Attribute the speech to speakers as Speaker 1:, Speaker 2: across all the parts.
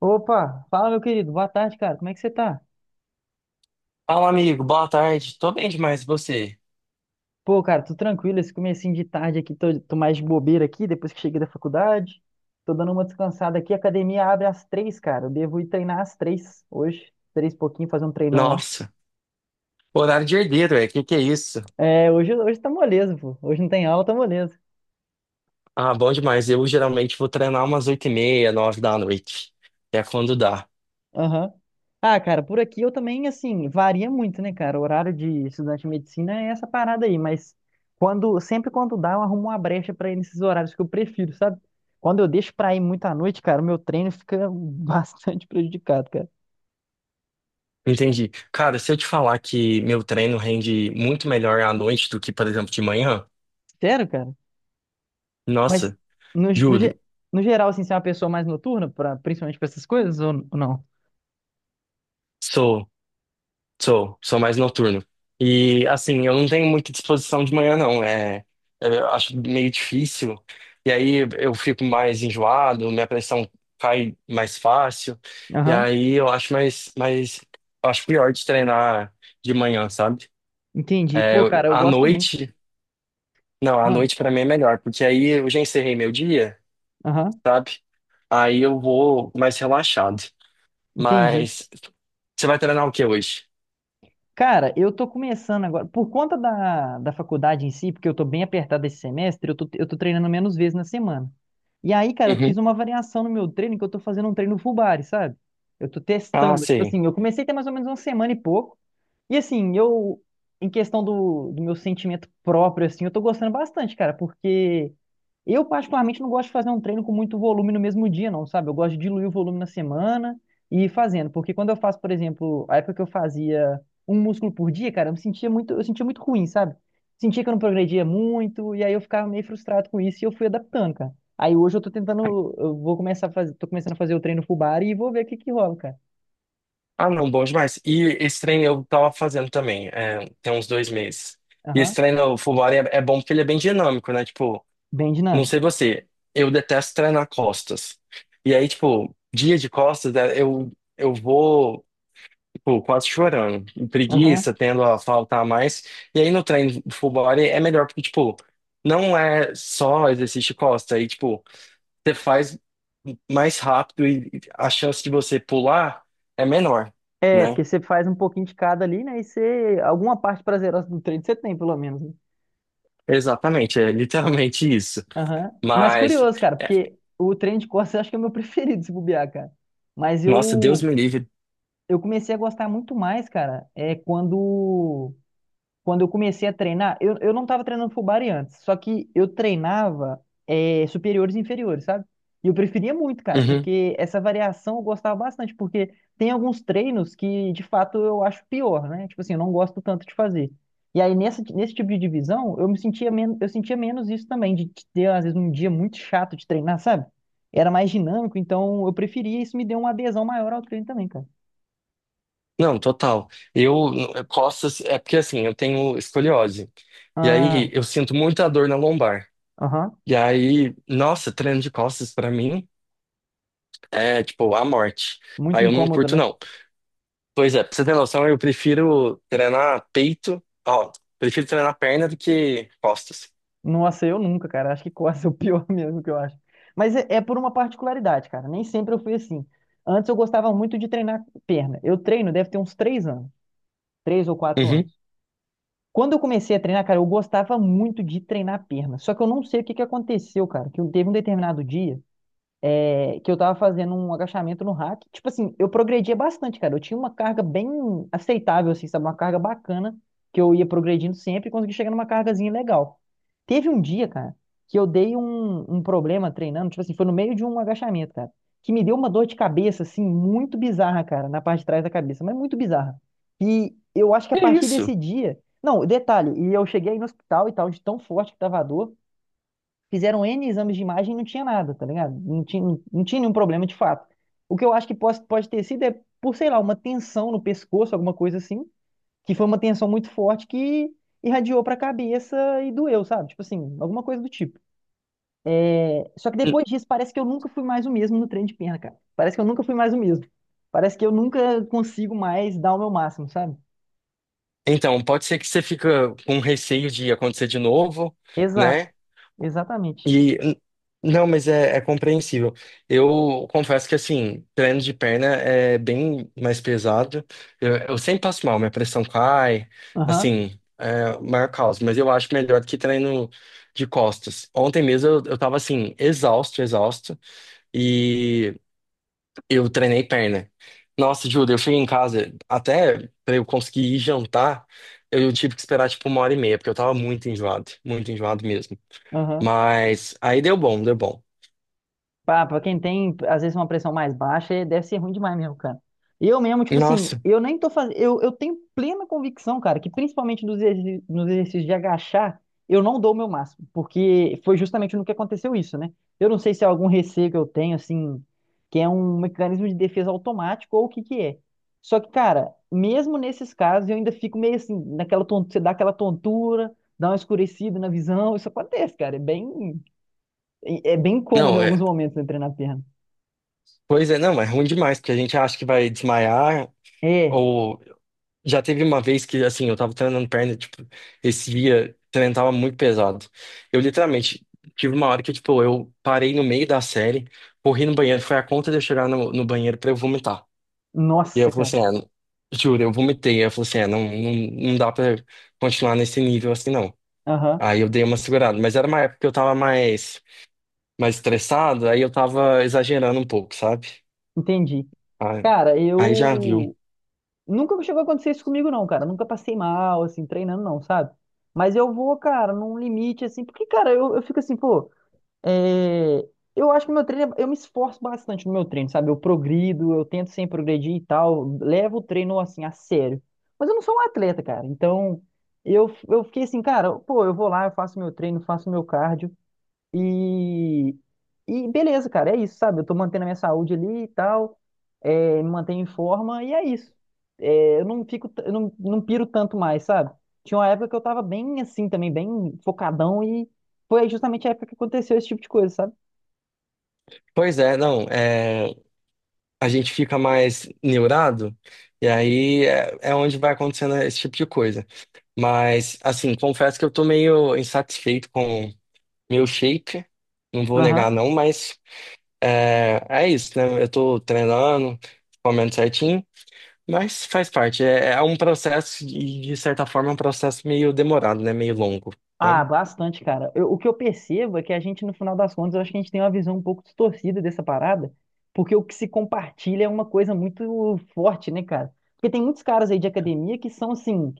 Speaker 1: Opa, fala meu querido, boa tarde, cara. Como é que você tá?
Speaker 2: Fala, amigo. Boa tarde. Tô bem demais, e você?
Speaker 1: Pô, cara, tô tranquilo, esse comecinho de tarde aqui, tô mais de bobeira aqui, depois que cheguei da faculdade. Tô dando uma descansada aqui, a academia abre às 3, cara. Eu devo ir treinar às 3 hoje, 3 e pouquinho, fazer um treinão lá.
Speaker 2: Nossa, horário de herdeiro, é? Que é isso?
Speaker 1: É, hoje tá moleza, pô. Hoje não tem aula, tá moleza.
Speaker 2: Ah, bom demais. Eu geralmente vou treinar umas 8h30, 9 da noite. É quando dá.
Speaker 1: Aham. Ah, cara, por aqui eu também, assim, varia muito, né, cara? O horário de estudante de medicina é essa parada aí, mas quando, sempre quando dá, eu arrumo uma brecha pra ir nesses horários que eu prefiro, sabe? Quando eu deixo pra ir muito à noite, cara, o meu treino fica bastante prejudicado, cara.
Speaker 2: Entendi. Cara, se eu te falar que meu treino rende muito melhor à noite do que, por exemplo, de manhã,
Speaker 1: Sério, cara? Mas
Speaker 2: nossa,
Speaker 1: no, no,
Speaker 2: juro.
Speaker 1: ge- no geral, assim, você é uma pessoa mais noturna, pra, principalmente pra essas coisas, ou não?
Speaker 2: Sou. Sou, sou mais noturno. E assim, eu não tenho muita disposição de manhã, não. Eu acho meio difícil. E aí eu fico mais enjoado, minha pressão cai mais fácil. E
Speaker 1: Aham,
Speaker 2: aí eu acho eu acho pior de treinar de manhã, sabe?
Speaker 1: entendi.
Speaker 2: É,
Speaker 1: Pô, cara, eu
Speaker 2: à
Speaker 1: gosto muito.
Speaker 2: noite, não, à
Speaker 1: Ah,
Speaker 2: noite pra mim é melhor, porque aí eu já encerrei meu dia,
Speaker 1: aham,
Speaker 2: sabe? Aí eu vou mais relaxado.
Speaker 1: entendi.
Speaker 2: Mas você vai treinar o que hoje?
Speaker 1: Cara, eu tô começando agora, por conta da faculdade em si, porque eu tô bem apertado esse semestre, eu tô treinando menos vezes na semana. E aí, cara, eu fiz
Speaker 2: Uhum.
Speaker 1: uma variação no meu treino, que eu tô fazendo um treino full body, sabe? Eu tô
Speaker 2: Ah,
Speaker 1: testando, tipo
Speaker 2: sei.
Speaker 1: assim, eu comecei tem mais ou menos uma semana e pouco, e assim, eu, em questão do meu sentimento próprio, assim, eu tô gostando bastante, cara, porque eu particularmente não gosto de fazer um treino com muito volume no mesmo dia, não, sabe? Eu gosto de diluir o volume na semana e ir fazendo, porque quando eu faço, por exemplo, a época que eu fazia um músculo por dia, cara, eu me sentia muito, eu sentia muito ruim, sabe? Sentia que eu não progredia muito, e aí eu ficava meio frustrado com isso e eu fui adaptando, cara. Aí hoje eu tô tentando, eu vou começar a fazer, tô começando a fazer o treino full body e vou ver o que que rola, cara.
Speaker 2: Ah, não, bom demais. E esse treino eu tava fazendo também, é, tem uns 2 meses. E esse
Speaker 1: Aham,
Speaker 2: treino full body é bom porque ele é bem dinâmico, né? Tipo,
Speaker 1: bem
Speaker 2: não
Speaker 1: dinâmico.
Speaker 2: sei você, eu detesto treinar costas. E aí, tipo, dia de costas, é, eu vou, tipo, quase chorando,
Speaker 1: Aham.
Speaker 2: preguiça, tendo a faltar mais. E aí no treino full body é melhor porque, tipo, não é só exercício de costa. Aí, tipo, você faz mais rápido e a chance de você pular é menor,
Speaker 1: É,
Speaker 2: né?
Speaker 1: porque você faz um pouquinho de cada ali, né? E você, alguma parte prazerosa do treino você tem, pelo menos, né?
Speaker 2: Exatamente, é literalmente isso.
Speaker 1: Aham. Mas
Speaker 2: Mas,
Speaker 1: curioso, cara,
Speaker 2: é,
Speaker 1: porque o treino de costas eu acho que é o meu preferido, se bobear, cara. Mas
Speaker 2: nossa, Deus me livre.
Speaker 1: eu comecei a gostar muito mais, cara, é quando eu comecei a treinar, eu não estava treinando full body antes, só que eu treinava superiores e inferiores, sabe? E eu preferia muito, cara,
Speaker 2: Uhum.
Speaker 1: porque essa variação eu gostava bastante, porque tem alguns treinos que de fato eu acho pior, né? Tipo assim, eu não gosto tanto de fazer. E aí nesse tipo de divisão, eu me sentia menos, eu sentia menos isso também, de ter às vezes um dia muito chato de treinar, sabe? Era mais dinâmico, então eu preferia, isso me deu uma adesão maior ao treino também, cara.
Speaker 2: Não, total. Eu posso, é porque assim, eu tenho escoliose. E
Speaker 1: Ah,
Speaker 2: aí eu sinto muita dor na lombar.
Speaker 1: aham.
Speaker 2: E aí, nossa, treino de costas pra mim é tipo a morte.
Speaker 1: Muito
Speaker 2: Aí eu não
Speaker 1: incômodo,
Speaker 2: curto,
Speaker 1: né?
Speaker 2: não. Pois é, pra você ter noção, eu prefiro treinar peito, ó, prefiro treinar perna do que costas.
Speaker 1: Nossa, eu nunca, cara. Acho que quase é o pior mesmo que eu acho. Mas é, é por uma particularidade, cara. Nem sempre eu fui assim. Antes eu gostava muito de treinar perna. Eu treino, deve ter uns 3 anos, três ou quatro
Speaker 2: Uhum.
Speaker 1: anos. Quando eu comecei a treinar, cara, eu gostava muito de treinar perna. Só que eu não sei o que que aconteceu, cara. Teve um determinado dia que eu tava fazendo um agachamento no rack. Tipo assim, eu progredia bastante, cara. Eu tinha uma carga bem aceitável, assim, sabe? Uma carga bacana, que eu ia progredindo sempre e consegui chegar numa cargazinha legal. Teve um dia, cara, que eu dei um problema treinando, tipo assim, foi no meio de um agachamento, cara, que me deu uma dor de cabeça, assim, muito bizarra, cara, na parte de trás da cabeça, mas muito bizarra. E eu acho que a
Speaker 2: É
Speaker 1: partir
Speaker 2: isso.
Speaker 1: desse dia. Não, detalhe, e eu cheguei aí no hospital e tal, de tão forte que tava a dor. Fizeram N exames de imagem e não tinha nada, tá ligado? Não tinha nenhum problema de fato. O que eu acho que pode ter sido é por, sei lá, uma tensão no pescoço, alguma coisa assim, que foi uma tensão muito forte que irradiou pra cabeça e doeu, sabe? Tipo assim, alguma coisa do tipo. Só que depois disso, parece que eu nunca fui mais o mesmo no treino de perna, cara. Parece que eu nunca fui mais o mesmo. Parece que eu nunca consigo mais dar o meu máximo, sabe?
Speaker 2: Então, pode ser que você fica com receio de acontecer de novo,
Speaker 1: Exato,
Speaker 2: né?
Speaker 1: exatamente.
Speaker 2: E não, mas é, é compreensível. Eu confesso que assim, treino de perna é bem mais pesado. Eu sempre passo mal, minha pressão cai,
Speaker 1: Aham,
Speaker 2: assim, é o maior caos, mas eu acho melhor do que treino de costas. Ontem mesmo eu tava assim, exausto, exausto. E eu treinei perna. Nossa, Júlia, eu cheguei em casa, até pra eu conseguir ir jantar, eu tive que esperar tipo 1h30, porque eu tava muito enjoado mesmo.
Speaker 1: aham.
Speaker 2: Mas aí deu bom, deu bom.
Speaker 1: Pra quem tem, às vezes, uma pressão mais baixa, é- deve ser ruim demais mesmo, cara. Eu mesmo, tipo assim,
Speaker 2: Nossa,
Speaker 1: eu nem tô fazendo. Eu tenho plena convicção, cara, que principalmente nos exercícios de agachar, eu não dou o meu máximo. Porque foi justamente no que aconteceu isso, né? Eu não sei se é algum receio que eu tenho, assim, que é um mecanismo de defesa automático ou o que que é. Só que, cara, mesmo nesses casos, eu ainda fico meio assim, naquela tontura, você dá aquela tontura, dá uma escurecida na visão, isso acontece, cara. É bem. E é bem cômodo em
Speaker 2: não,
Speaker 1: alguns momentos né, treinar a perna.
Speaker 2: pois é, não, é ruim demais, porque a gente acha que vai desmaiar,
Speaker 1: É,
Speaker 2: ou já teve uma vez que, assim, eu, tava treinando perna, tipo, esse dia, o treino tava muito pesado. Eu literalmente tive uma hora que, tipo, eu parei no meio da série, corri no banheiro, foi a conta de eu chegar no banheiro pra eu vomitar. E eu
Speaker 1: nossa,
Speaker 2: falei
Speaker 1: cara.
Speaker 2: assim, juro, eu vomitei. Eu falei assim, não, não, não dá pra continuar nesse nível assim, não.
Speaker 1: Aham,
Speaker 2: Aí eu dei uma segurada, mas era uma época que eu tava mais estressado, aí eu tava exagerando um pouco, sabe?
Speaker 1: entendi.
Speaker 2: Aí,
Speaker 1: Cara,
Speaker 2: aí já viu.
Speaker 1: eu. Nunca chegou a acontecer isso comigo, não, cara. Nunca passei mal, assim, treinando, não, sabe? Mas eu vou, cara, num limite, assim, porque, cara, eu fico assim, pô. é, Eu acho que meu treino. Eu me esforço bastante no meu treino, sabe? Eu progrido, eu tento sempre progredir e tal. Levo o treino, assim, a sério. Mas eu não sou um atleta, cara. Então, eu fiquei assim, cara, pô, eu vou lá, eu faço meu treino, faço meu cardio. E, e beleza, cara, é isso, sabe? Eu tô mantendo a minha saúde ali e tal, é, me mantenho em forma e é isso. É, eu não fico, eu não piro tanto mais, sabe? Tinha uma época que eu tava bem assim também, bem focadão e foi justamente a época que aconteceu esse tipo de coisa, sabe?
Speaker 2: Pois é, não, a gente fica mais neurado, e aí é onde vai acontecendo esse tipo de coisa. Mas, assim, confesso que eu tô meio insatisfeito com meu shape, não vou negar não, mas É isso, né? Eu tô treinando, comendo certinho, mas faz parte. É um processo, e de certa forma, é um processo meio demorado, né? Meio longo.
Speaker 1: Ah,
Speaker 2: Então,
Speaker 1: bastante, cara. O que eu percebo é que a gente, no final das contas, eu acho que a gente tem uma visão um pouco distorcida dessa parada, porque o que se compartilha é uma coisa muito forte, né, cara? Porque tem muitos caras aí de academia que são, assim,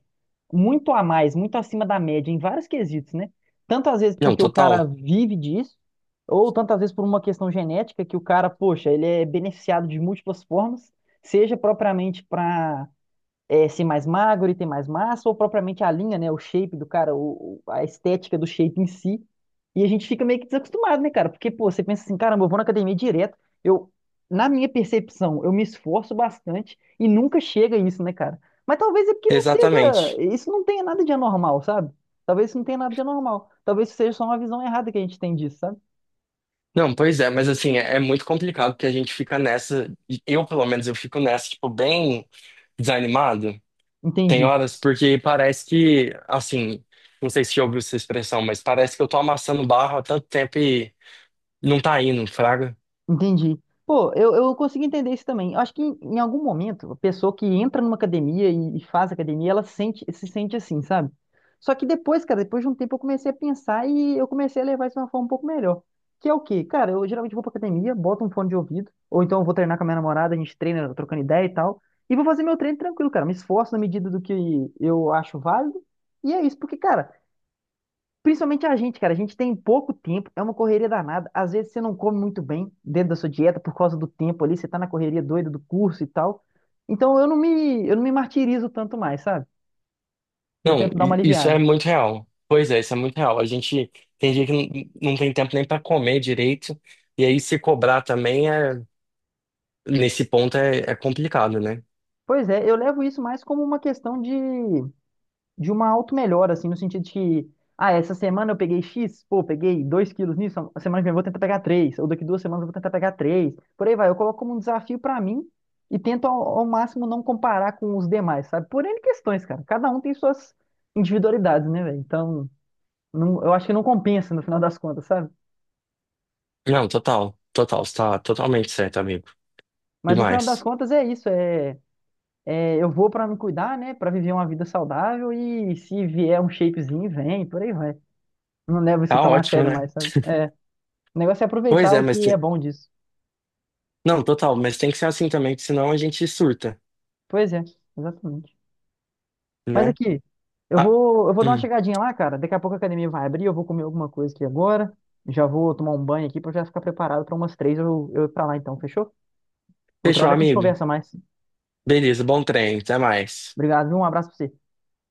Speaker 1: muito a mais, muito acima da média em vários quesitos, né? Tanto às vezes
Speaker 2: não,
Speaker 1: porque o cara
Speaker 2: total.
Speaker 1: vive disso, ou tanto às vezes por uma questão genética que o cara, poxa, ele é beneficiado de múltiplas formas, seja propriamente para ser mais magro e ter mais massa, ou propriamente a linha, né? O shape do cara, a estética do shape em si. E a gente fica meio que desacostumado, né, cara? Porque, pô, você pensa assim, caramba, eu vou na academia direto. Eu, na minha percepção, eu me esforço bastante e nunca chega isso, né, cara? Mas talvez é porque não seja.
Speaker 2: Exatamente.
Speaker 1: Isso não tenha nada de anormal, sabe? Talvez isso não tenha nada de anormal. Talvez isso seja só uma visão errada que a gente tem disso, sabe?
Speaker 2: Não, pois é, mas assim, é, é muito complicado porque a gente fica nessa, e eu pelo menos, eu fico nessa, tipo, bem desanimado. Tem
Speaker 1: Entendi.
Speaker 2: horas porque parece que, assim, não sei se já ouviu essa expressão, mas parece que eu tô amassando barro há tanto tempo e não tá indo, fraga.
Speaker 1: Entendi. Pô, eu consigo entender isso também. Eu acho que em algum momento, a pessoa que entra numa academia e faz academia, ela sente, se sente assim, sabe? Só que depois, cara, depois de um tempo eu comecei a pensar e eu comecei a levar isso de uma forma um pouco melhor. Que é o quê? Cara, eu geralmente vou pra academia, boto um fone de ouvido, ou então eu vou treinar com a minha namorada, a gente treina, trocando ideia e tal, e vou fazer meu treino tranquilo, cara. Me esforço na medida do que eu acho válido, e é isso, porque, cara. Principalmente a gente, cara, a gente tem pouco tempo, é uma correria danada. Às vezes você não come muito bem dentro da sua dieta por causa do tempo ali, você tá na correria doida do curso e tal. Então eu não me martirizo tanto mais, sabe? Eu
Speaker 2: Não,
Speaker 1: tento dar uma
Speaker 2: isso é
Speaker 1: aliviada.
Speaker 2: muito real. Pois é, isso é muito real. A gente tem dia que não, não tem tempo nem para comer direito, e aí se cobrar também é nesse ponto é complicado, né?
Speaker 1: Pois é, eu levo isso mais como uma questão de uma auto-melhora, assim, no sentido de que, ah, essa semana eu peguei X, pô, peguei 2 quilos nisso, a semana que vem eu vou tentar pegar 3 ou daqui duas semanas eu vou tentar pegar 3 por aí vai. Eu coloco como um desafio pra mim e tento ao máximo não comparar com os demais, sabe? Por N questões, cara. Cada um tem suas individualidades, né, velho? Então, eu acho que não compensa no final das contas, sabe?
Speaker 2: Não, total, total, você tá totalmente certo, amigo.
Speaker 1: Mas no final das
Speaker 2: Demais.
Speaker 1: contas é isso, é. É, eu vou pra me cuidar, né? Pra viver uma vida saudável e se vier um shapezinho, vem, por aí vai. Não levo isso
Speaker 2: Tá
Speaker 1: tão a
Speaker 2: ótimo,
Speaker 1: sério
Speaker 2: né?
Speaker 1: mais, sabe? É. O negócio é
Speaker 2: Pois
Speaker 1: aproveitar
Speaker 2: é,
Speaker 1: o
Speaker 2: mas
Speaker 1: que é bom disso.
Speaker 2: não, total, mas tem que ser assim também, que senão a gente surta,
Speaker 1: Pois é, exatamente. Mas
Speaker 2: né?
Speaker 1: aqui,
Speaker 2: Ah,
Speaker 1: eu vou dar uma
Speaker 2: hum.
Speaker 1: chegadinha lá, cara. Daqui a pouco a academia vai abrir, eu vou comer alguma coisa aqui agora. Já vou tomar um banho aqui pra eu já ficar preparado pra umas 3 eu ir pra lá então, fechou? Outra
Speaker 2: Fechou,
Speaker 1: hora a gente
Speaker 2: amigo.
Speaker 1: conversa mais.
Speaker 2: Beleza, bom treino, até mais.
Speaker 1: Obrigado, viu? Um abraço pra você.